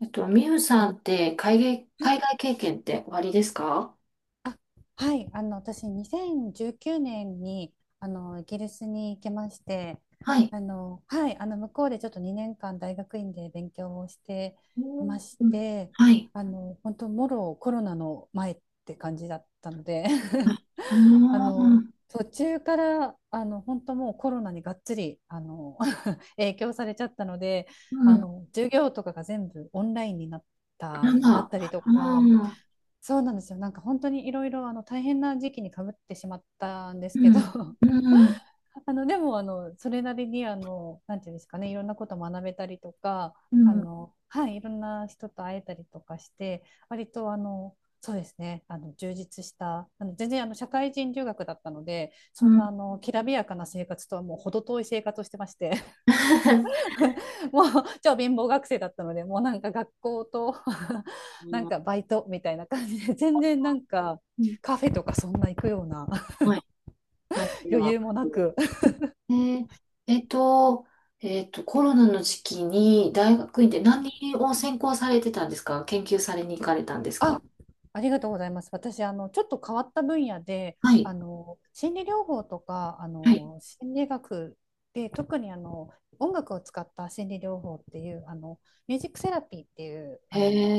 みゆさんって海外経験っておありですか？はい、私2019年にイギリスに行きまして、はい。向こうでちょっと2年間大学院で勉強をしてういんましうん。て、はい。本当もろコロナの前って感じだったので は い途中から本当もうコロナにがっつり影響されちゃったので、うん。授業とかが全部オンラインになんだ、なっあたりとか。あ。そうなんですよ。なんか本当にいろいろ大変な時期にかぶってしまったんでうすけど、ん、うん、あのでもあのそれなりになんていうんですかね、いろんなこと学べたりとか、うん、いろんな人と会えたりとかして、割とそうですね、充実した全然社会人留学だったので、そうんなん。きらびやかな生活とはもう程遠い生活をしてまして、もう超貧乏学生だったのでもうなんか学校と あなんの、かバイトみたいな感じで全然なんかうん、カフェとかそんな行くような はい。感じ余は。裕もなく え、えっと、コロナの時期に大学院で何を専攻されてたんですか？研究されに行かれたんですか？あありがとうございます。私ちょっと変わった分野ではい。心理療法とかはい。心理学で特に音楽を使った心理療法っていうミュージックセラピーっていうへ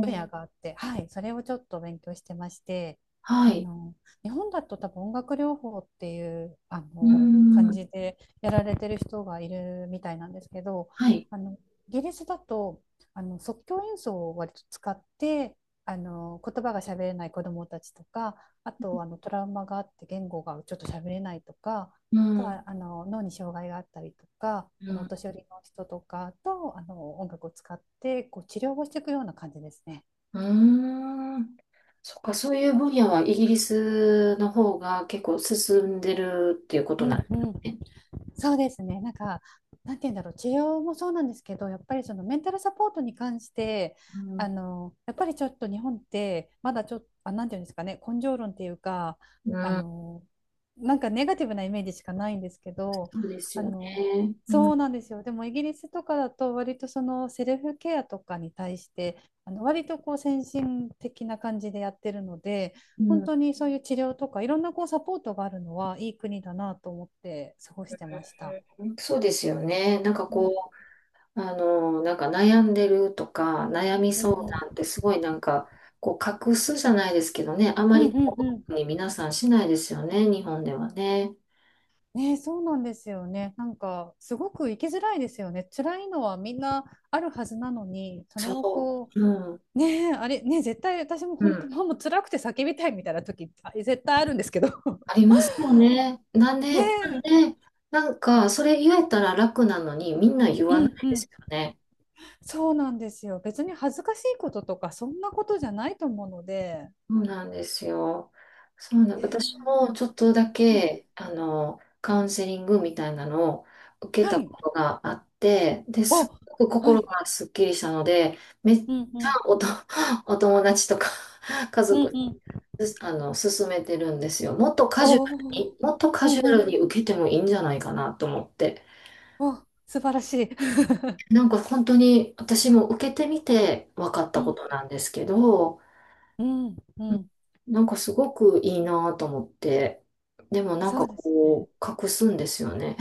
分野があって、はい、それをちょっと勉強してまして、はあい。の、日本だと多分音楽療法っていう、うー感ん。じでやられてる人がいるみたいなんですけど、はい。あの、イギリスだと、即興演奏を割と使って、言葉が喋れない子どもたちとか、あと、トラウマがあって言語がちょっと喋れないとか、うあとん、うは、脳に障害があったりとか、おん、年寄りの人とかと、音楽を使って、こう、治療をしていくような感じですね。うーん。そっか、そういう分野はイギリスの方が結構進んでるっていうことうんなんでうん、すね。そうですね。なんか、なんて言うんだろう、治療もそうなんですけど、やっぱりそのメンタルサポートに関して、うん、やっぱりちょっと日本って、まだちょっと、なんて言うんですかね、根性論っていうか、うあん、の、なんかネガティブなイメージしかないんですけど、そうですあよね。の、うそん、うなんですよ。でもイギリスとかだと、割とそのセルフケアとかに対して、割とこう先進的な感じでやってるので、本う当にそういう治療とかいろんなこうサポートがあるのはいい国だなと思って過ごしてました。ん、そうですよね。なんかうんこう、なんか悩んでるとか、悩みう相ん談ってすごいなんか、こう隠すじゃないですけどね、あまうんうりんうんうこうん、に皆さんしないですよね、日本ではね。ねそうなんですよね。なんかすごく生きづらいですよね。辛いのはみんなあるはずなのに、それをそこう。うん、うねえ、あれねえ、絶対私もう本当ん。もう辛くて叫びたいみたいな時絶対あるんですけど あ りますよね。なんで、ねなんえ。で、なんか、それ言えたら楽なのに、みんな言うわなんいうでん、すよね。そうなんですよ。別に恥ずかしいこととかそんなことじゃないと思うので、そうなんですよ。そうなん、私もちょっとだうん、け、カウンセリングみたいなのを受けはたい、ことがあって、で、すっあ、ごくは心い、がすっきりしたので、めっちうんうゃんうおんと、お友達とか 家う族、ん、勧めてるんですよ。もっとカジュおアルお、に、もっとうカんジュアうルん、に受けてもいいんじゃないかなと思って。お、素晴らしい。 なんか本当に私も受けてみて分かっ うたこんとなんですけど、うんううん、ん、なんかすごくいいなと思って、でもなんそかうですね、こう隠すんですよね、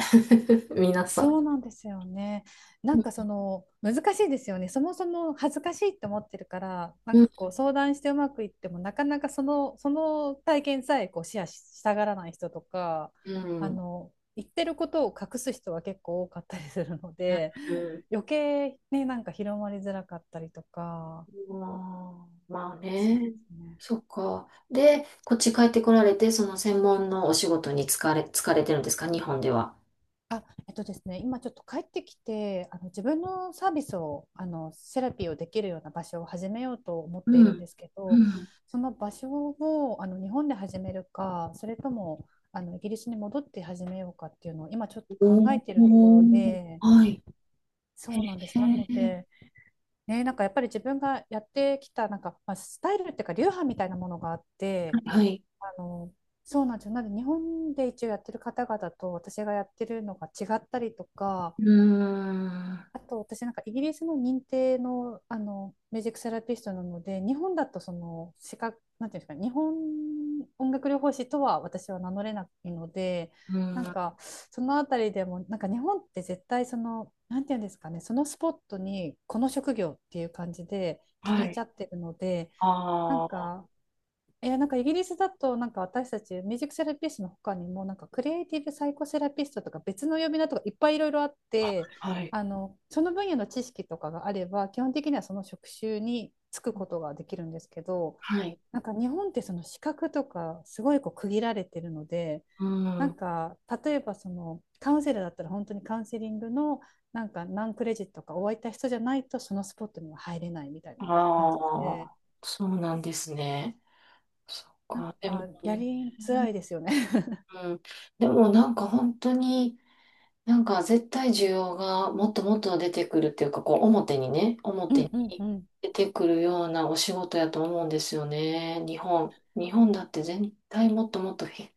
皆さそん、うなんですよね。なうんん、かその難しいですよね。そもそも恥ずかしいって思ってるからなんうん、かこう相談してうまくいってもなかなかその体験さえこうシェアししたがらない人とかうん、うん、言ってることを隠す人は結構多かったりするのでうん。余計ね、なんか広まりづらかったりとか、まあまあそうでね。すね。そっか。で、こっち帰ってこられて、その専門のお仕事に疲れてるんですか、日本では。あ、えっとですね、今ちょっと帰ってきて、自分のサービスを、セラピーをできるような場所を始めようと思っていうるんん、ですけうど、ん。その場所を日本で始めるか、それともイギリスに戻って始めようかっていうのを今ちょっと考おえているところー、で、はい、そうなんです。なので、ね、なんかやっぱり自分がやってきたなんか、まあ、スタイルっていうか流派みたいなものがあって、はい。あのそうなんですよ。なので日本で一応やってる方々と私がやってるのが違ったりとか、うーん、あと私なんかイギリスの認定の、ミュージックセラピストなので、日本だとその資格なんていうんですかね、日本音楽療法士とは私は名乗れないので、うなんん、かそのあたりでもなんか日本って絶対そのなんていうんですかね、そのスポットにこの職業っていう感じで決めちゃってるので、なんかいや、なんかイギリスだと、なんか私たちミュージックセラピストの他にも、なんかクリエイティブサイコセラピストとか別の呼び名とかいっぱいいろいろあって、はい。その分野の知識とかがあれば、基本的にはその職種に就くことができるんですけど、はい。なんか日本ってその資格とかすごいこう区切られてるので、うなん。あんか例えばそのカウンセラーだったら本当にカウンセリングのなんか何クレジットかをわった人じゃないとそのスポットには入れないみたいな感じで、あ、そうなんですね。そっなんか。でも、かやりづらいですよね。うん。でもなんか本当に、なんか絶対需要がもっともっと出てくるっていうか、こう表にね、う表んうんうにん出てくるようなお仕事やと思うんですよね。日本。日本だって絶対もっともっとひ、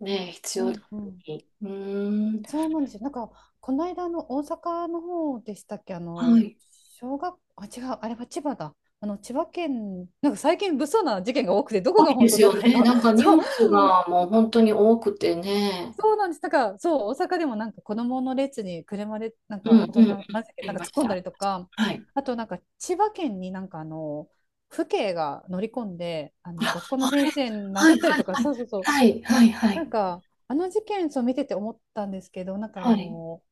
ね、必う要だんうのん、に。うーん。そうなんですよ。なんかこの間の大阪の方でしたっけ、あはのい。小学あ違うあれは千葉だ。千葉県、なんか最近物騒な事件が多くてどこ多がいで本当すどよこだね。か なんか ニそう、ュースがもう本当に多くてね。そうなんです。なんか、そう大阪でもなんか子供の列に車でなんうかん大人うんうん。あなんだっけ、なんりかま突しっ込んだた。りとか、はい。あとなんか千葉県になんか父兄が乗り込んであ、学校のあ先れ、生は殴いったりはいとか、はい。そうそうそう、はいはいはない。んか、事件を見てて思ったんですけど、なんかはい。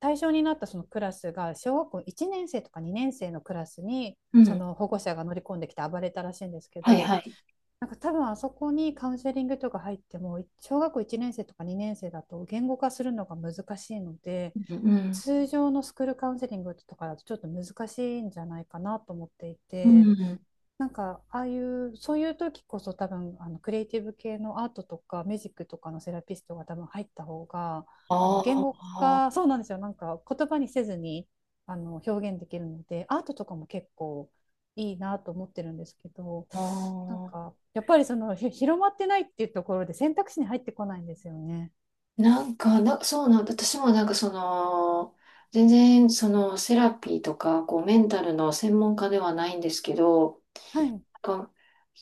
対象になったそのクラスが、小学校1年生とか2年生のクラスに、うそん。の保護者が乗り込んできて暴れたらしいんですけはいど、はい。なんか多分あそこにカウンセリングとか入っても、小学校1年生とか2年生だと言語化するのが難しいので、うん通常のスクールカウンセリングとかだとちょっと難しいんじゃないかなと思っていうん。て、うん。なんか、ああいう、そういう時こそ多分、クリエイティブ系のアートとか、ミュージックとかのセラピストが多分入った方が、言あ語あ。化、そうなんですよ。なんか、言葉にせずに、表現できるので、アートとかも結構いいなと思ってるんですけど、あなんあ。か、やっぱりその、ひ広まってないっていうところで選択肢に入ってこないんですよね。そうなんだ。私もなんかその、全然そのセラピーとか、こうメンタルの専門家ではないんですけど、はい。うんなんか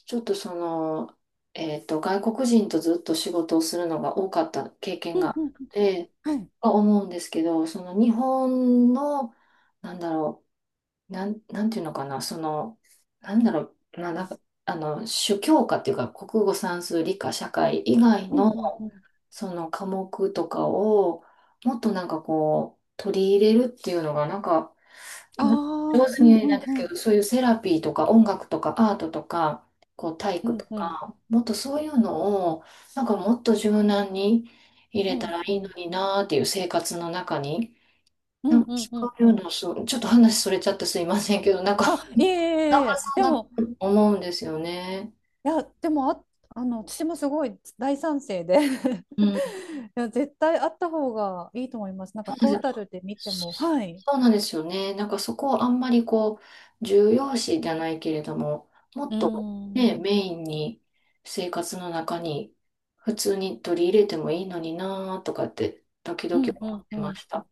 ちょっとその、外国人とずっと仕事をするのが多かった経験うがんあっうん。て、はい。は思うんですけど、その日本の、なんだろなんていうのかな、その、なんだろう、な、なんか、あの、主教科っていうか、国語、算数、理科、社会以外うんのうんうん。その科目とかを、もっとなんかこう、取り入れるっていうのが、なんか、あな上あ、う手にん言えうないんんですうけん。ど、そういうセラピーとか音楽とかアートとか、こう体う育とんうん。か、もっとそういうのを、なんかもっと柔軟に入うれたんらういいのん。になーっていう、生活の中に。うなんんかうんそうんういううん。の、そう、ちょっと話それちゃってすいませんけど、なんか、あ、いえ なんいえいかえ、そんでなこも、と思うんですよね。いや、でもあ、私もすごい大賛成で いうん。や、絶対あった方がいいと思います。なんかそうでトータす、ルで見ても、はい。そうなんですよね。なんかそこをあんまりこう、重要視じゃないけれども、もうっーとん、ね、メインに生活の中に普通に取り入れてもいいのになーとかって、時う々ん、う思ってん、まう、した。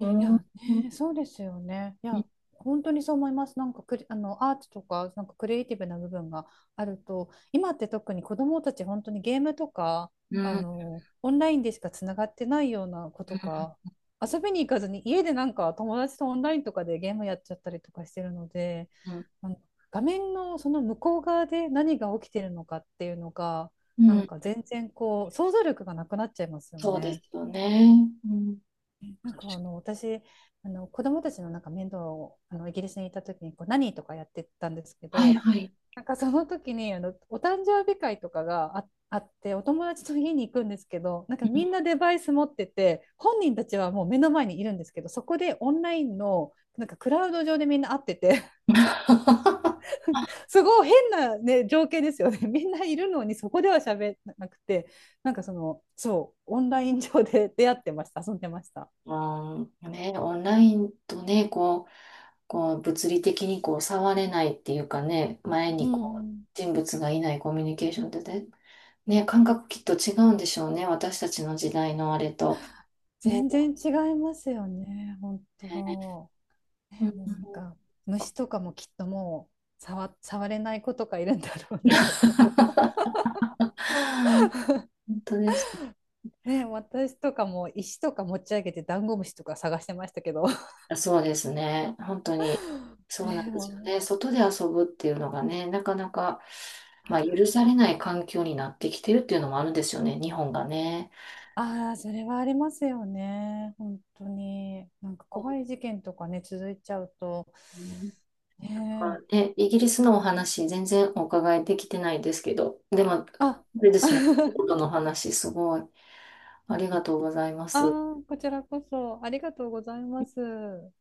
ういん。や、うん。ね、そうですよね。いや、本当にそう思います。なんかクリ、あの、アートとか、なんかクリエイティブな部分があると、今って特に子どもたち、本当にゲームとか、うん。オンラインでしかつながってないような子とか、遊びに行かずに家でなんか友達とオンラインとかでゲームやっちゃったりとかしてるので、うん。あの画面のその向こう側で何が起きてるのかっていうのが、うなんん、か全然こう、想像力がなくなっちゃいますよそうでね。すよね。うん。私子供たちのなんか面倒をイギリスにいた時にこう何とかやってたんですけはいど、はい。なんかその時にお誕生日会とかがあって、お友達と家に行くんですけど、なんかみんなデバイス持ってて本人たちはもう目の前にいるんですけど、そこでオンラインのなんかクラウド上でみんな会ってて すごい変な、ね、情景ですよね。 みんないるのにそこでは喋らなくて、なんかその、そうオンライン上で出会ってました、遊んでました。うん、ね、オンラインとね、こう、こう物理的にこう触れないっていうかね、前うにこうん、人物がいないコミュニケーションってね、ね、感覚きっと違うんでしょうね、私たちの時代のあれと。ね、全然違いますよね、本当。うね、ん、もうなんか虫とかもきっともう触、触れない子とかいるんだろうなとか。本当です。ね、私とかも石とか持ち上げてダンゴムシとか探してましたけど。そうですね、本当に、そうなんね、でもすよう、ね、外で遊ぶっていうのがね、なかなか、まあ、許されない環境になってきてるっていうのもあるんですよね、日本がね。ああ、それはありますよね、本当に。なんか怖い事件とかね、続いちゃうと。うん。ねなんかえ、ね、イギリスのお話、全然お伺いできてないですけど、でも、ああ、れですね、お仕事の話、すごい、ありがとうございまあす。ー、こちらこそありがとうございます。